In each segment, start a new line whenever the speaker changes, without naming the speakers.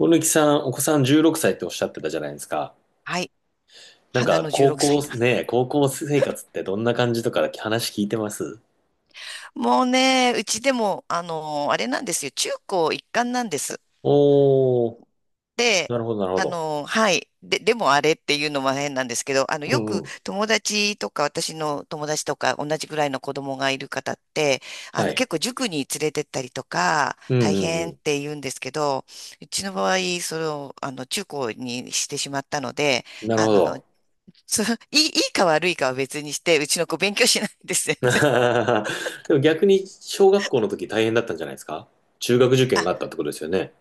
小貫さん、お子さん16歳っておっしゃってたじゃないですか。
はい。花の16
高
歳
校、
だ。
ねえ、高校生活ってどんな感じとか話聞いてます
もうね、うちでも、あれなんですよ。中高一貫なんです。
おー、
で、
なるほど、なるほど。
はい。で、でもあれっていうのも変なんですけど、
う
よ
ん
く
うん。
友達とか、私の友達とか、同じぐらいの子供がいる方って、
はい。
結構塾に連れてったりとか、
う
大
んう
変っ
ん
て言うんですけど、うちの場合、それを、中高にしてしまったので、
うん。なる
あ
ほ
の、
ど。
そういいか悪いかは別にして、うちの子勉強しないんです、全然。
でも逆に、小学校の時大変だったんじゃないですか？中学受験があっ たってことですよね。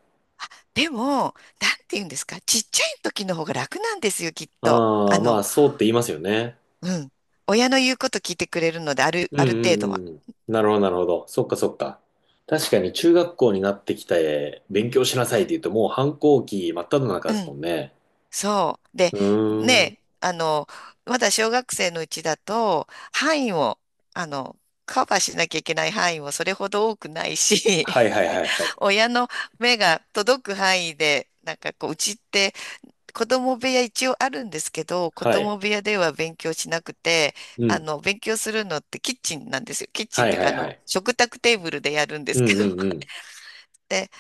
でも、なんて言うんですか、ちっちゃい時の方が楽なんですよ、きっと。
ああ、まあ、そうって言いますよね。
うん。親の言うこと聞いてくれるので、ある、
う
あ
ん
る程
う
度は。
んうん。なるほど、なるほど。そっかそっか。確かに中学校になってきて勉強しなさいって言うともう反抗期真っ只中
う
ですも
ん。
んね。
そう。で、
うーん。
ね、まだ小学生のうちだと、範囲を、あの、カバーしなきゃいけない範囲もそれほど多くないし、
はいはいはい はい。
親の目が届く範囲で、なんかこう、うちって子供部屋一応あるんですけど、子
はい。
供部屋では勉強しなくて、
うん。
勉強するのってキッチンなんですよ。キッチン
は
って
い
いう
は
か、
いはい。
食卓テーブルでやるんで
う
すけ
ん
ど。
うんう ん。
で、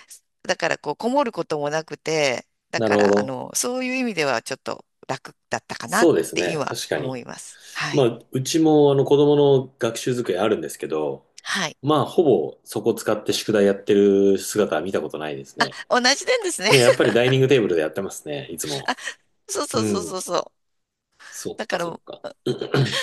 だからこう、こもることもなくて、だ
な
か
るほ
ら、
ど。
そういう意味ではちょっと楽だったかな
そ
っ
うです
て
ね。
今
確か
思
に。
います。は
ま
い。
あ、うちも子供の学習机あるんですけど、
はい。
まあ、ほぼそこ使って宿題やってる姿は見たことないですね。
同じなんですね。
ね、やっ ぱりダイニングテーブルでやってますね、いつも。
そうそう
う
そうそ
ん。
うそう。
そっ
だか
かそっ
ら、
か。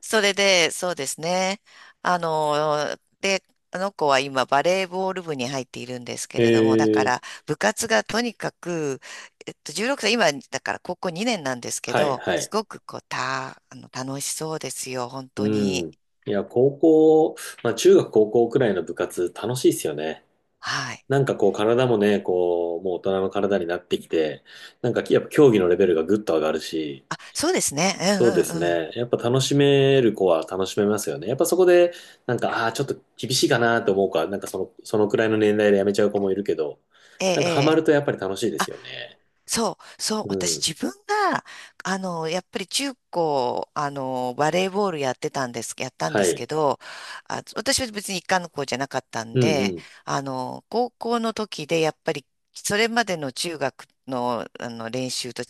それで、そうですね。で、あの子は今バレーボール部に入っているんですけ
え
れども、だか
え、
ら部活がとにかく、16歳、今だから高校2年なんですけ
はい
ど、
は
す
い。
ごくこう、た、あの、楽しそうですよ、本
う
当に。
ん。いや、高校、まあ中学高校くらいの部活楽しいですよね。
はい。
こう体もね、こう、もう大人の体になってきて、やっぱ競技のレベルがぐっと上がるし、
あ、そうですね。う
そうです
んうんうん。
ね。やっぱ楽しめる子は楽しめますよね。やっぱそこで、ああー、ちょっと厳しいかなと思うか、その、そのくらいの年代でやめちゃう子もいるけど、
ええ、え
ハマ
え。
るとやっ
あ
ぱり楽しいですよね。
そう、そう、
う
私
ん。
自分が、やっぱり中高、バレーボールやってたんです、やったん
は
ですけ
い。
ど、あ、私は別に一貫の子じゃなかったん
うんう
で、
ん。
高校の時でやっぱり、それまでの中学の、練習と違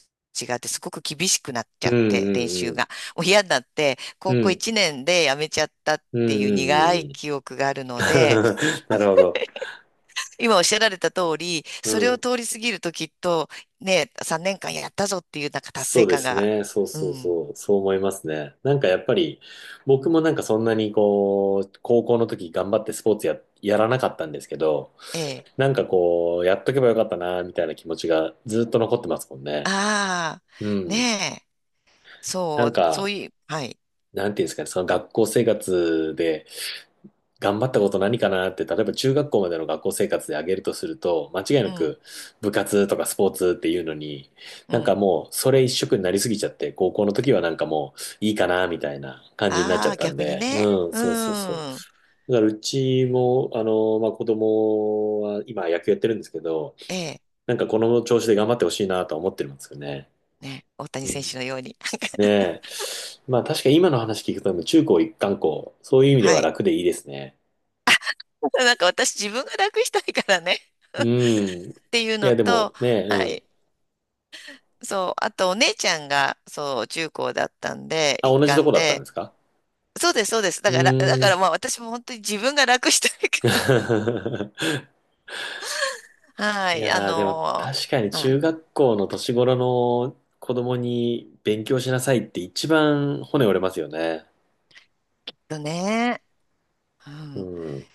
って、すごく厳しくなっち
う
ゃ
ん
って、練
うん
習
う
が。
ん。
もう嫌になって、
う
高校
ん。
1年でやめちゃったっ
うん
ていう苦い
うんうんうん。
記憶があるので、
なるほど。
今おっしゃられた通り、
う
それを
ん。
通り過ぎるときっと、ね、3年間やったぞっていうなんか達
そ
成
うで
感
す
が、
ね。そう
う
そう
ん、
そう。そう思いますね。やっぱり、僕もそんなにこう、高校の時頑張ってスポーツや、やらなかったんですけど、
ええ、
こう、やっとけばよかったな、みたいな気持ちがずっと残ってますもんね。
あ
う
あ、
ん。
ねえ、
な
そう、
ん
そう
か、
いう、はい、
なんていうんですかね、その学校生活で、頑張ったこと何かなって、例えば中学校までの学校生活で挙げるとすると、間違いな
うん、
く部活とかスポーツっていうのに、
うん、
もうそれ一色になりすぎちゃって、高校の時はもういいかなみたいな感じになっち
あ
ゃっ
あ、
たん
逆に
で、
ね、
うん、
う
そうそうそう。
ん、
だからうちも、まあ、子供は今野球やってるんですけど、
ええ、
なんかこの調子で頑張ってほしいなとは思ってるんですよね。
ね、大谷
う
選
ん、
手のように。
ね え。まあ確かに今の話聞くと、中高一貫校、そういう意味で
は
は
い。
楽でいいですね。
なんか私自分が楽したいからね
うん。い
っていうの
や、で
と、
もね、
は
うん。
い。そう。あとお姉ちゃんが、そう、中高だったんで、
あ、
一
同じと
貫
こだったんで
で、
すか？
そうです、そうです。
う
だから、だ
ー
から
ん。
まあ私も本当に自分が楽したいから。は
い
い、
やー、でも確かに
は
中
い、
学校の年頃の子供に勉強しなさいって一番骨折れますよね。
とね、う
う
ん。
ん。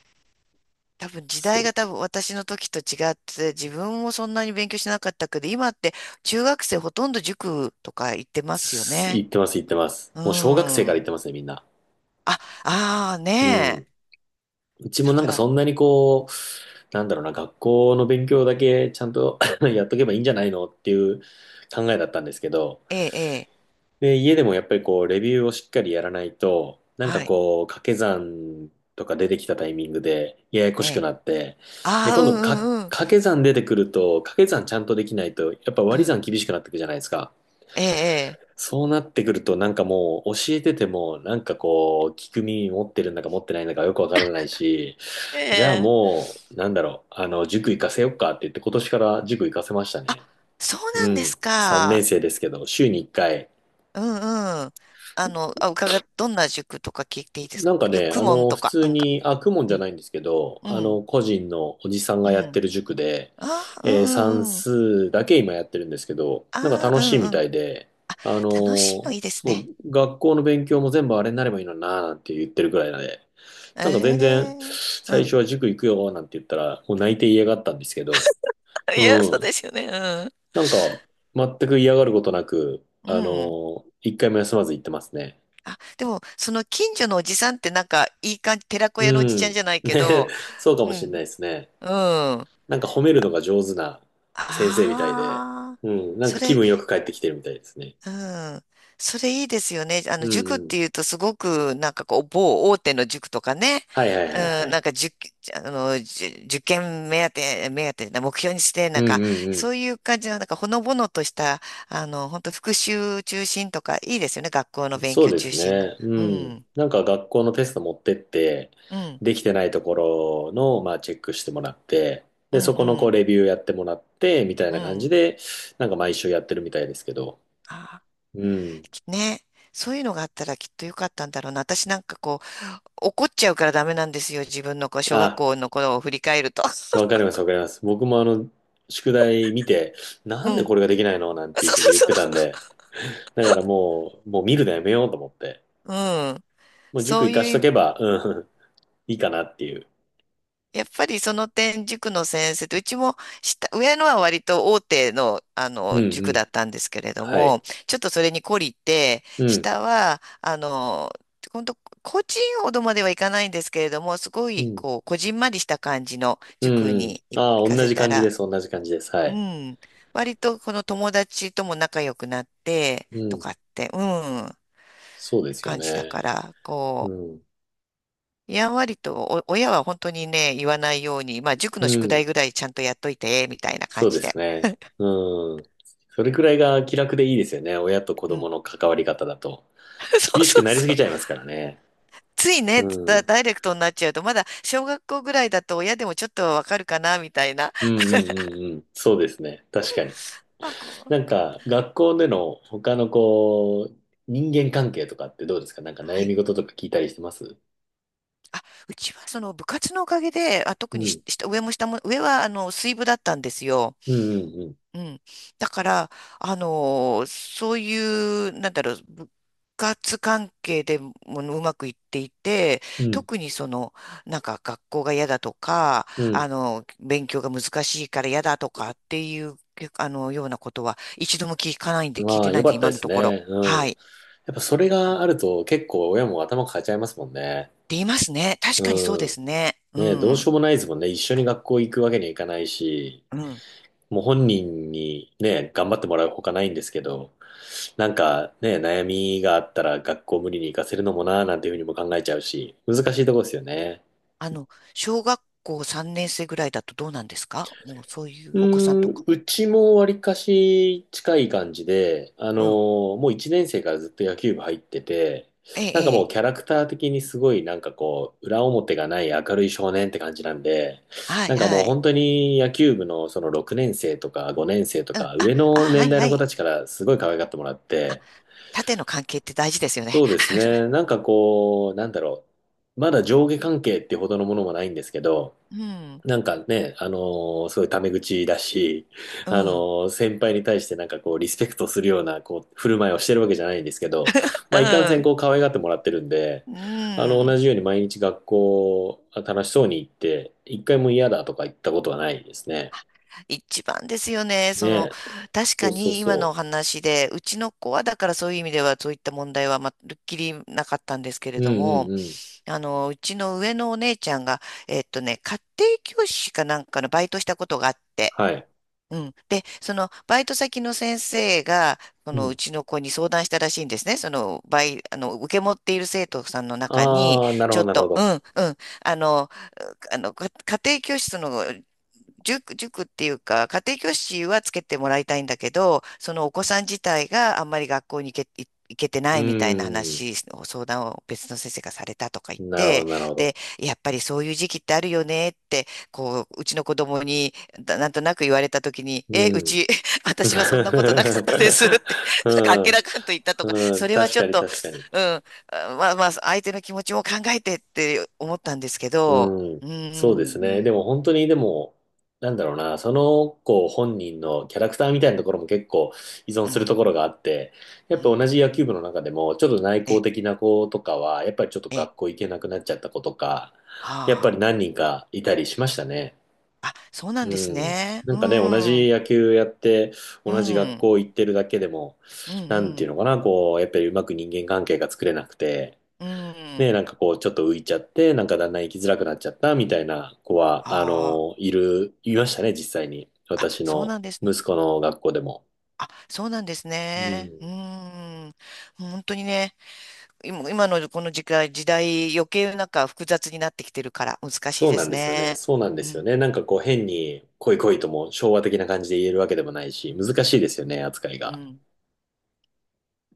多分時代
そ
が
う。
多分私の時と違って、自分もそんなに勉強しなかったけど、今って中学生ほとんど塾とか行ってますよ
す
ね。
言ってます、言ってます。
う
もう小学生から言っ
ん。
てますね、みんな。
あ、ああ
う
ねえ。
ん。うち
だ
も
から、
そんなにこう、なんだろうな、学校の勉強だけちゃんと やっとけばいいんじゃないのっていう考えだったんですけど、
ええ、ええ、
で、家でもやっぱりこう、レビューをしっかりやらないと、
はい、
こう、掛け算とか出てきたタイミングでややこ
え
しく
え。
なって、で、
ああ、
今
う
度
ん
か、
うんうん。
掛け算出てくると、掛け算ちゃんとできないと、やっぱ
う
割り
ん、
算厳しくなってくじゃないですか。
ええ、
そうなってくると、もう、教えてても、こう、聞く耳持ってるんだか持ってないんだかよくわからないし、
え
じゃあ
え。ええ
もう、なんだろう、塾行かせよっかって言って、今年から塾行かせました
あ、
ね。
そう
う
なんで
ん。
す
3年
か。
生ですけど、週に1回、
うんうん。あ、どんな塾とか聞いていいですかよ、公文と
普
か、な
通
んか。
に、あ、公文
う
じゃ
ん、
ないんですけど、
うん、
個人のおじさん
う
がやって
ん。
る塾で、
あー、う
え
ん
ー
う
算
んうん。
数だけ今やってるんですけど、なんか
あう
楽
ん
し
う
い
んうん
み
あうんう
た
ん
いで、
楽しいのいいです
そ
ね。
う、学校の勉強も全部あれになればいいのにな、なんて言ってるぐらいなんで、
え
なんか全然、
えう
最
ん。
初は塾行くよ、なんて言ったら、もう泣いて嫌がったんですけど、
いや、そう
うん、
ですよね。
なんか、全く嫌がることなく、
うん。うん。
一回も休まず行ってますね。
あ、でも、その近所のおじさんってなんか、いい感じ、寺子
う
屋のおじちゃん
ん、
じゃないけ
ね、
ど、
そうかも
う
しれな
ん、
いですね。
うん。
なんか褒めるのが上手な先生みたいで、
ああ、
うん、なん
そ
か気
れ、
分よく帰ってきてるみたいですね。
うん。それいいですよね。
うん
塾っ
うん。
ていうとすごく、なんかこう、某大手の塾とかね。
はいはい
う
はいは
ん、なん
い。
か、塾、あの、じゅ受験目当てな目標にして、な
う
ん
ん
か、
うん
そ
う
ういう感じの、なんか、ほのぼのとした、本当復習中心とか、いいですよね。学校の
ん。
勉
そう
強
で
中
す
心の。
ね。う
う
ん。
ん、
なんか学校のテスト持ってって、
うん、
できてないところの、まあ、チェックしてもらって、
う
で、
ん、
そ
う
このこう
ん、
レビューやってもらって、みたい
う
な感じ
ん。
で、なんか毎週やってるみたいですけど。
あ
うん。
ー、きね。そういうのがあったらきっとよかったんだろうな。私なんかこう、怒っちゃうからダメなんですよ。自分のこう小学
あ、
校の頃を振り返ると。
わかり ます、わかります。僕も宿題見て、な
う
んで
ん
これができないのなん ていう
そう
ふう
そ
に
う
言ってた
そ
んで、だからもう見るのやめようと思って。
う。うん。
もう塾
そう
行かし
い
と
う、
けば、うん、いいかなっていう。
やっぱりその点、塾の先生と、うちも下、上のは割と大手の、
うん
塾
う
だ
ん。
ったんですけれど
は
も、
い。
ちょっとそれに懲りて、
うん。
下は、本当個人ほどまではいかないんですけれども、すご
う
い、
ん。
こう、こじんまりした感じの
うん
塾
うんうん、
に
あ
行
あ、
か
同
せ
じ
た
感じで
ら、
す、同じ感じです。は
う
い。
ん。割とこの友達とも仲良くなって、
う
と
ん。
かって、うん。
そうですよ
感じだ
ね。
から、
う
こう、
ん。
やんわりと、親は本当にね、言わないように、まあ、塾の
う
宿題
ん。
ぐらいちゃんとやっといて、みたいな感
そう
じ
で
で。
すね。うん。それくらいが気楽でいいですよね、親と子
うん。
供の関わり方だと。
そう
厳し
そ
く
う
なりす
そ
ぎ
う。
ちゃいます からね。
つい
う
ね、
ん。うん
ダイレクトになっちゃうと、まだ小学校ぐらいだと親でもちょっとわかるかな、みたいな。
うんうんうん。そうですね。確かに。
まあ、こう、
学校での他のこう、人間関係とかってどうですか？なんか
は
悩み
い。
事とか聞いたりしてます
あ、うちはその部活のおかげで、あ、特
う
にし、
ん。
下上も下も、上は水部だったんですよ。
うんうん
うん。だから、そういう、なんだろう、部活関係でもうまくいっていて、
うん。
特にその、なんか学校が嫌だとか、
うん。
勉強が難しいから嫌だとかっていう、ようなことは一度も聞かないんで、
うん。
聞い
ま
て
あ、
な
よ
いん
か
で、
った
今
で
の
す
ところ。
ね。う
はい。
ん。
っ
やっぱそれがあると結構親も頭抱えちゃいますもんね。
て言いますね。確かにそう
う
で
ん。
すね。う
ね、えどうし
ん。
ようもないですもんね。一緒に学校行くわけにはいかないし、
うん。
もう本人にね、頑張ってもらうほかないんですけど、なんかね、悩みがあったら学校無理に行かせるのもなーなんていうふうにも考えちゃうし、難しいとこですよね。
あの、小学校3年生ぐらいだとどうなんですか？もうそういう
う
お子さんと
ー
か。
ん、うちもわりかし近い感じで、あの
うん。
ーもう1年生からずっと野球部入ってて、
ええ、
なんか
え
もう
え。
キャラクター的にすごいなんかこう、裏表がない明るい少年って感じなんで、
はい、
なんか
は
もう
い。
本当に野球部のその6年生とか5年生とか
あ、
上
あ、
の
は
年
い
代
は
の子
い。
たちからすごい可愛がってもらって、
縦の関係って大事ですよね。
そうですね、なんかこう、なんだろう、まだ上下関係ってほどのものもないんですけど、
うん、
なんかね、あのーすごいタメ口だし、
う
あの
ん、
ー先輩に対してなんかこう、リスペクトするような、こう、振る舞いをしてるわけじゃないんですけど、まあ、いかんせ
う
ん
ん。
こう、可愛がってもらってるんで、
うん、
同じように毎日学校、楽しそうに行って、一回も嫌だとか言ったことはないですね。
一番ですよね。
ね。
確
そ
か
うそう
に今の
そ
お話で、うちの子はだからそういう意味ではそういった問題はまるっきりなかったんですけれ
う。う
ど
んう
も、
んうん。
うちの上のお姉ちゃんが、ね、家庭教師かなんかのバイトしたことがあって、
はい。
うん。で、そのバイト先の先生が、そ
う
のう
ん。
ちの子に相談したらしいんですね。その、バイ、あの、受け持っている生徒さんの中に、
ああ、なる
ち
ほ
ょ
ど、
っ
なるほ
と、うん、
ど。
うん、あの、家庭教師の塾、塾っていうか、家庭教師はつけてもらいたいんだけど、そのお子さん自体があんまり学校に行けてな
う
いみたいな
ん。
話を、相談を別の先生がされたとか言っ
なるほど、
て、
なるほ
で、
ど。
やっぱりそういう時期ってあるよねって、こう、うちの子供に、だなんとなく言われたときに、
う
え、う
ん。
ち、
う
私はそんなことなかったですって、なんかあっけ
ん。
らかんと言ったとか、
う
そ
ん。
れは
確
ちょっ
かに
と、
確かに。
うん、あまあまあ、相手の気持ちも考えてって思ったんですけど、
うん。
うー
そうで
ん、
す
う
ね。で
ん、
も本当に、でも、なんだろうな、その子本人のキャラクターみたいなところも結構依存
う
する
ん、
ところがあって、やっぱ同じ野球部の中でも、ちょっと内向
え、
的な子とかは、やっぱりちょっと
え、
学校行けなくなっちゃった子とか、
は
やっぱり
あ、
何人かいたりしましたね。
あ、そうなんです
うん。
ね。
な
う
んかね、同
ん、う
じ
ん、
野球やって、
う
同じ学
ん、
校行ってるだけでも、
う
なんていう
ん、
のかな、こう、やっぱりうまく人間関係が作れなくて、
う
ね、
ん、
なんかこう、ちょっと浮いちゃって、なんかだんだん生きづらくなっちゃったみたいな子は、
あ
いましたね、実際に。
あ、あ、
私
そう
の
なんですね。
息子の学校でも。
あ、そうなんです
う
ね。う
ん。
ーん、本当にね、今のこの時代余計なんか複雑になってきてるから難しい
そう
で
なん
す
ですよね。
ね。
そうなんで
う
すよ
ん。
ね。なんかこう、変に、来い来いとも昭和的な感じで言えるわけでもないし、難しいですよね、扱い
う
が。
ん。